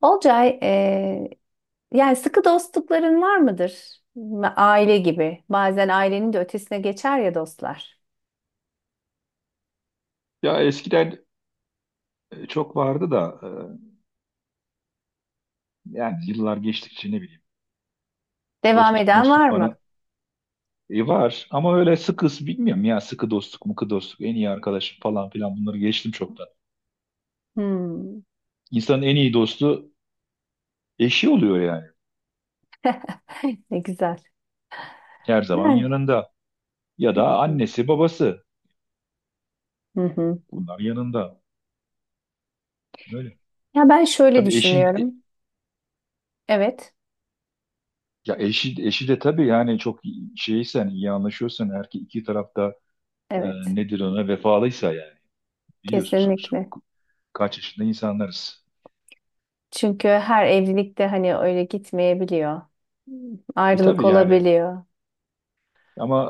Olcay, yani sıkı dostlukların var mıdır? Aile gibi. Bazen ailenin de ötesine geçer ya dostlar. Ya eskiden çok vardı da yani yıllar geçtikçe ne bileyim Devam dostluk eden mostluk var mı? bana var ama öyle sıkı bilmiyorum ya sıkı dostluk mıkı dostluk en iyi arkadaşım falan filan bunları geçtim çoktan. Hmm. İnsanın en iyi dostu eşi oluyor yani Ne güzel. her zaman Ben. yanında ya da Hı hı. annesi babası Hı hı. bunlar yanında öyle. Ya ben şöyle Tabii eşin düşünüyorum. Evet, ya eşi de tabii yani şeysen iyi anlaşıyorsan her iki tarafta e, evet. nedir ona vefalıysa yani biliyorsun sonuçta Kesinlikle. kaç yaşında insanlarız. Çünkü her evlilikte hani öyle gitmeyebiliyor. E Ayrılık tabii yani olabiliyor. ama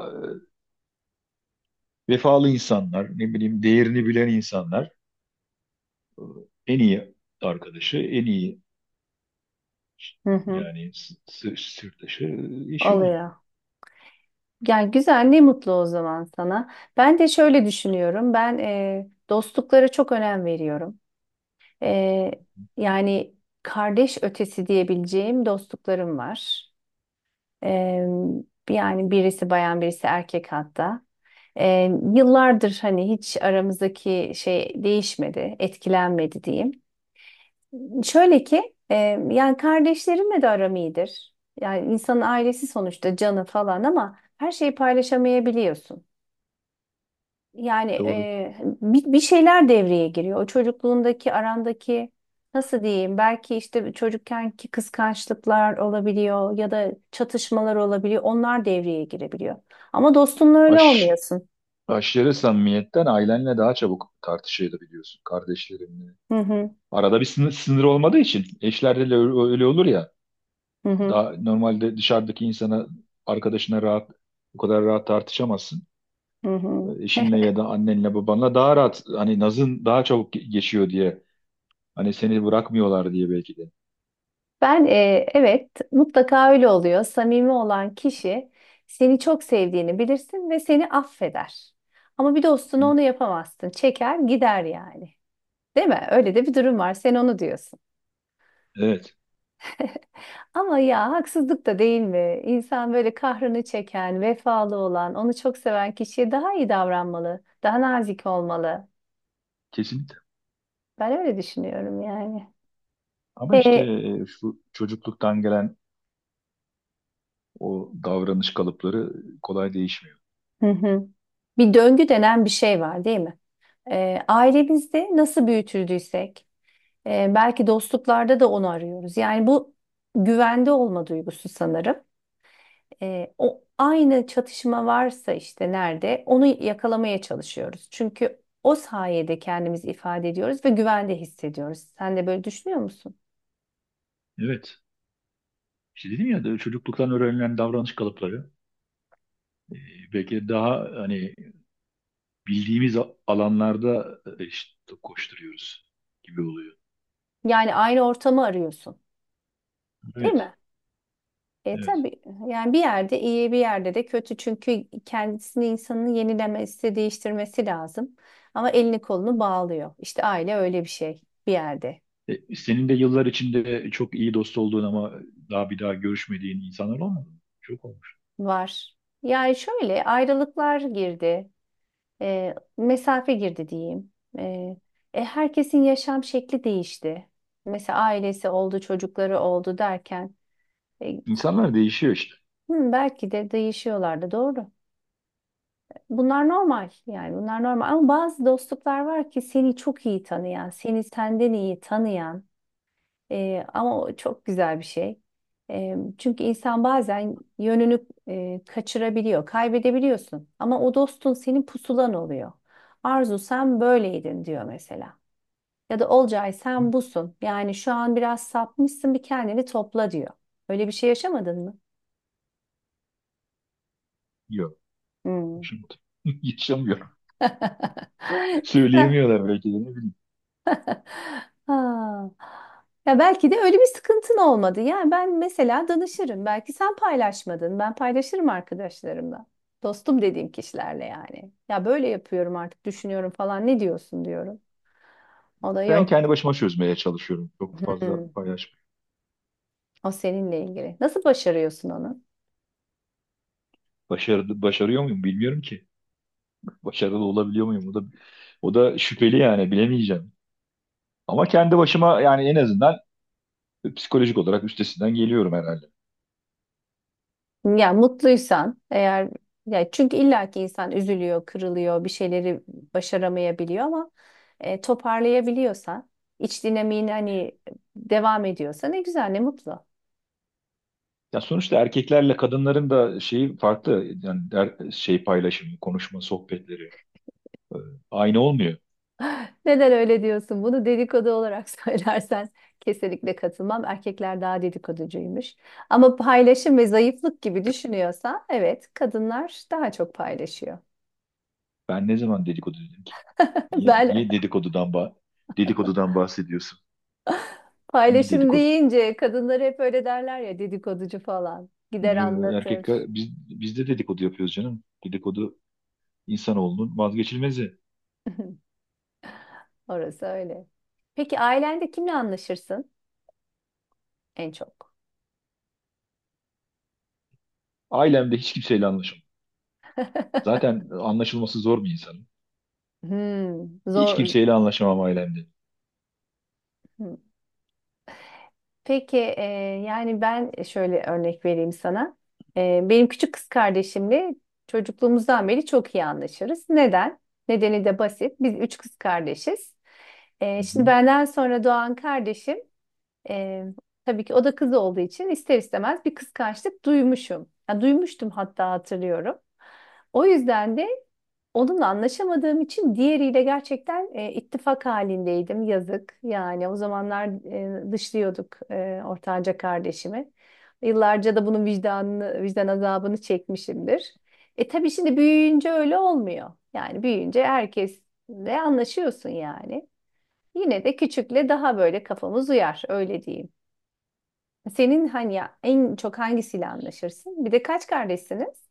vefalı insanlar, ne bileyim değerini bilen insanlar en iyi arkadaşı, en iyi Hı hı. yani sırdaşı eşi oluyor. Oluyor. Ya güzel, ne mutlu o zaman sana. Ben de şöyle düşünüyorum. Ben dostluklara çok önem veriyorum. E, yani kardeş ötesi diyebileceğim dostluklarım var. E, yani birisi bayan, birisi erkek hatta. Yıllardır hani hiç aramızdaki şey değişmedi, etkilenmedi diyeyim. Şöyle ki, yani kardeşlerimle de aram iyidir. Yani insanın ailesi sonuçta canı falan ama her şeyi paylaşamayabiliyorsun. Yani Doğru. e, bir şeyler devreye giriyor. O çocukluğundaki arandaki nasıl diyeyim? Belki işte çocukkenki kıskançlıklar olabiliyor ya da çatışmalar olabiliyor. Onlar devreye girebiliyor. Ama dostunla öyle Aş, olmuyorsun. aşırı samimiyetten ailenle daha çabuk tartışabiliyorsun kardeşlerinle. Hı hı, Arada bir sınır olmadığı için eşlerde de öyle olur ya. hı hı, Daha normalde dışarıdaki insana, arkadaşına bu kadar rahat tartışamazsın. hı hı. Eşinle ya da annenle babanla daha rahat hani nazın daha çabuk geçiyor diye. Hani seni bırakmıyorlar diye belki de. Ben, evet mutlaka öyle oluyor. Samimi olan kişi seni çok sevdiğini bilirsin ve seni affeder. Ama bir Hı. dostuna onu yapamazsın. Çeker gider yani. Değil mi? Öyle de bir durum var. Sen onu diyorsun. Evet, Ama ya haksızlık da değil mi? İnsan böyle kahrını çeken, vefalı olan, onu çok seven kişiye daha iyi davranmalı, daha nazik olmalı. kesinlikle. Ben öyle düşünüyorum yani. Ama işte E, şu çocukluktan gelen o davranış kalıpları kolay değişmiyor. hı hı. Bir döngü denen bir şey var, değil mi? Ailemizde nasıl büyütüldüysek, belki dostluklarda da onu arıyoruz. Yani bu güvende olma duygusu sanırım. O aynı çatışma varsa işte nerede onu yakalamaya çalışıyoruz. Çünkü o sayede kendimizi ifade ediyoruz ve güvende hissediyoruz. Sen de böyle düşünüyor musun? Evet. İşte dedim ya de çocukluktan öğrenilen davranış kalıpları e, belki de daha hani bildiğimiz alanlarda işte koşturuyoruz gibi oluyor. Yani aynı ortamı arıyorsun, değil Evet. mi? E Evet. tabii yani bir yerde iyi bir yerde de kötü çünkü kendisini insanın yenilemesi, değiştirmesi lazım. Ama elini kolunu bağlıyor. İşte aile öyle bir şey bir yerde E, senin de yıllar içinde çok iyi dost olduğun ama daha bir daha görüşmediğin insanlar olmadı mı? Çok olmuş. var. Yani şöyle ayrılıklar girdi. Mesafe girdi diyeyim. E, herkesin yaşam şekli değişti. Mesela ailesi oldu, çocukları oldu derken e, İnsanlar değişiyor işte. hı, belki de değişiyorlardı. Doğru. Bunlar normal yani bunlar normal ama bazı dostluklar var ki seni çok iyi tanıyan, seni senden iyi tanıyan, ama o çok güzel bir şey. Çünkü insan bazen yönünü kaçırabiliyor, kaybedebiliyorsun ama o dostun senin pusulan oluyor. Arzu sen böyleydin diyor mesela. Ya da Olcay sen busun. Yani şu an biraz sapmışsın bir kendini topla diyor. Öyle bir şey yaşamadın mı? Yok. Hmm. Yaşamıyor. Yaşamıyor. Sen- Söyleyemiyorlar belki de ne bileyim. Ha. Ya belki de öyle bir sıkıntın olmadı. Yani ben mesela danışırım. Belki sen paylaşmadın. Ben paylaşırım arkadaşlarımla. Dostum dediğim kişilerle yani. Ya böyle yapıyorum artık düşünüyorum falan. Ne diyorsun diyorum. O da Ben kendi yok. başıma çözmeye çalışıyorum. Çok fazla Hmm. paylaşmıyorum. O seninle ilgili. Nasıl başarıyorsun onu? Başarıyor muyum bilmiyorum ki. Başarılı olabiliyor muyum? O da şüpheli yani bilemeyeceğim. Ama kendi başıma yani en azından psikolojik olarak üstesinden geliyorum herhalde. Ya mutluysan eğer ya çünkü illaki insan üzülüyor, kırılıyor, bir şeyleri başaramayabiliyor ama toparlayabiliyorsan, iç dinamiğini hani devam ediyorsa ne güzel, ne mutlu. Ya sonuçta erkeklerle kadınların da şeyi farklı. Yani şey paylaşımı, konuşma, sohbetleri aynı olmuyor. Neden öyle diyorsun? Bunu dedikodu olarak söylersen kesinlikle katılmam. Erkekler daha dedikoducuymuş. Ama paylaşım ve zayıflık gibi düşünüyorsa evet, kadınlar daha çok paylaşıyor. Ben ne zaman dedikodu dedim ki? Ben Niye dedikodudan, dedikodudan bahsediyorsun? Hangi paylaşım dedikodu? deyince kadınları hep öyle derler ya dedikoducu falan. Gider Yo, anlatır. erkekler biz de dedikodu yapıyoruz canım. Dedikodu insanoğlunun vazgeçilmezi. Orası öyle. Peki ailende kimle anlaşırsın en çok? Ailemde hiç kimseyle anlaşamam. Zaten anlaşılması zor bir insanım. Hmm, Hiç zor. kimseyle anlaşamam ailemde. Hmm. Peki, yani ben şöyle örnek vereyim sana. Benim küçük kız kardeşimle çocukluğumuzdan beri çok iyi anlaşırız. Neden? Nedeni de basit. Biz üç kız kardeşiz. Hı hı. Şimdi benden sonra doğan kardeşim e, tabii ki o da kız olduğu için ister istemez bir kıskançlık duymuşum. Ya duymuştum hatta hatırlıyorum. O yüzden de onunla anlaşamadığım için diğeriyle gerçekten ittifak halindeydim. Yazık. Yani o zamanlar dışlıyorduk ortanca kardeşimi. Yıllarca da bunun vicdanını, vicdan azabını çekmişimdir. E tabii şimdi büyüyünce öyle olmuyor. Yani büyüyünce herkesle anlaşıyorsun yani. Yine de küçükle daha böyle kafamız uyar, öyle diyeyim. Senin hani ya, en çok hangisiyle anlaşırsın? Bir de kaç kardeşsiniz?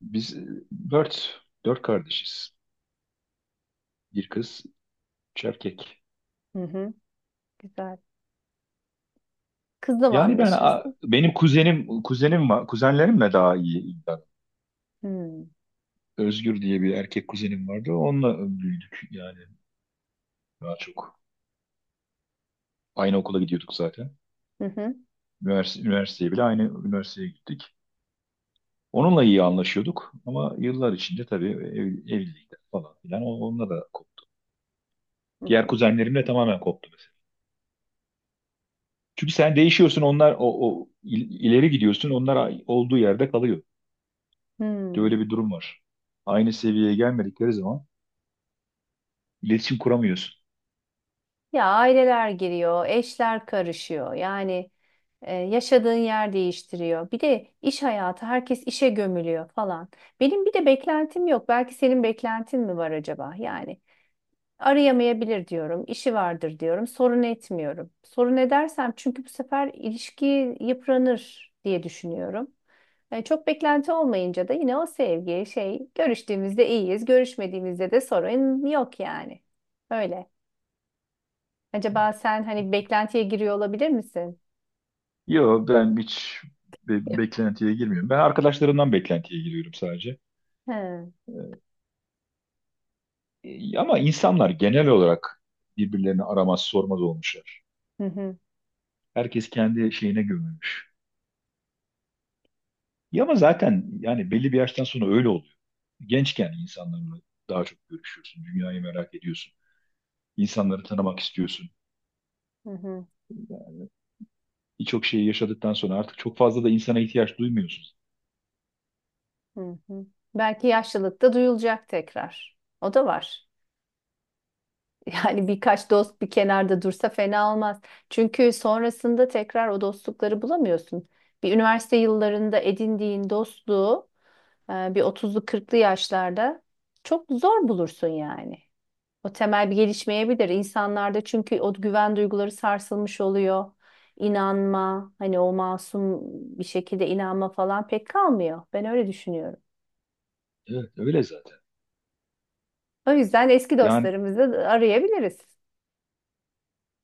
Biz dört kardeşiz. Bir kız, üç erkek. Hı hı, güzel. Kızla mı Yani anlaşırsın? benim kuzenim var. Kuzenlerimle daha iyi iddia. Hı. Özgür diye bir erkek kuzenim vardı. Onunla büyüdük yani daha çok. Aynı okula gidiyorduk zaten. Hı hı. Üniversiteye bile aynı üniversiteye gittik. Onunla iyi anlaşıyorduk ama yıllar içinde tabii evlilikler falan filan onunla da koptu. Hı Diğer hı. kuzenlerimle tamamen koptu mesela. Çünkü sen değişiyorsun onlar ileri gidiyorsun onlar olduğu yerde kalıyor. Hmm. Böyle bir durum var. Aynı seviyeye gelmedikleri zaman iletişim kuramıyorsun. Ya aileler giriyor, eşler karışıyor. Yani, yaşadığın yer değiştiriyor. Bir de iş hayatı, herkes işe gömülüyor falan. Benim bir de beklentim yok. Belki senin beklentin mi var acaba? Yani arayamayabilir diyorum, işi vardır diyorum, sorun etmiyorum. Sorun edersem çünkü bu sefer ilişki yıpranır diye düşünüyorum. Çok beklenti olmayınca da yine o sevgi şey görüştüğümüzde iyiyiz, görüşmediğimizde de sorun yok yani. Öyle. Acaba sen hani beklentiye giriyor olabilir misin? Yo ben hiç beklentiye girmiyorum. Ben arkadaşlarımdan beklentiye giriyorum sadece. He. Ama insanlar genel olarak birbirlerini aramaz sormaz olmuşlar. Hı hı, Herkes kendi şeyine gömülmüş. Ya ama zaten yani belli bir yaştan sonra öyle oluyor. Gençken insanlarla daha çok görüşüyorsun, dünyayı merak ediyorsun, insanları tanımak istiyorsun. hı hı, Birçok şeyi yaşadıktan sonra artık çok fazla da insana ihtiyaç duymuyorsun. hı hı. Belki yaşlılıkta duyulacak tekrar. O da var. Yani birkaç dost bir kenarda dursa fena olmaz. Çünkü sonrasında tekrar o dostlukları bulamıyorsun. Bir üniversite yıllarında edindiğin dostluğu bir 30'lu 40'lı yaşlarda çok zor bulursun yani. O temel bir gelişmeyebilir insanlarda çünkü o güven duyguları sarsılmış oluyor. İnanma, hani o masum bir şekilde inanma falan pek kalmıyor. Ben öyle düşünüyorum. Evet, öyle zaten. O yüzden eski Yani dostlarımızı arayabiliriz.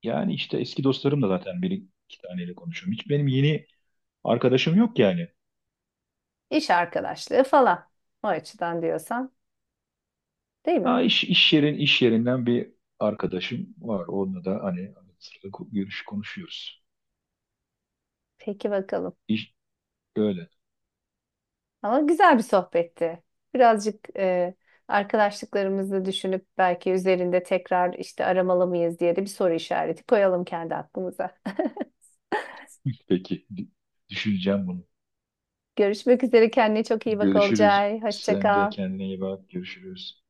yani işte eski dostlarım da zaten bir iki taneyle konuşuyorum. Hiç benim yeni arkadaşım yok yani. İş arkadaşlığı falan. O açıdan diyorsan, değil mi? Ha, iş yerinden bir arkadaşım var. Onunla da hani arada sırada görüş konuşuyoruz. Peki bakalım. İş öyle. Ama güzel bir sohbetti. Birazcık, arkadaşlıklarımızı düşünüp belki üzerinde tekrar işte aramalı mıyız diye de bir soru işareti koyalım kendi aklımıza. Peki, düşüneceğim bunu. Görüşmek üzere. Kendine çok iyi bak Görüşürüz. Olcay. Hoşça Sen de kal. kendine iyi bak. Görüşürüz.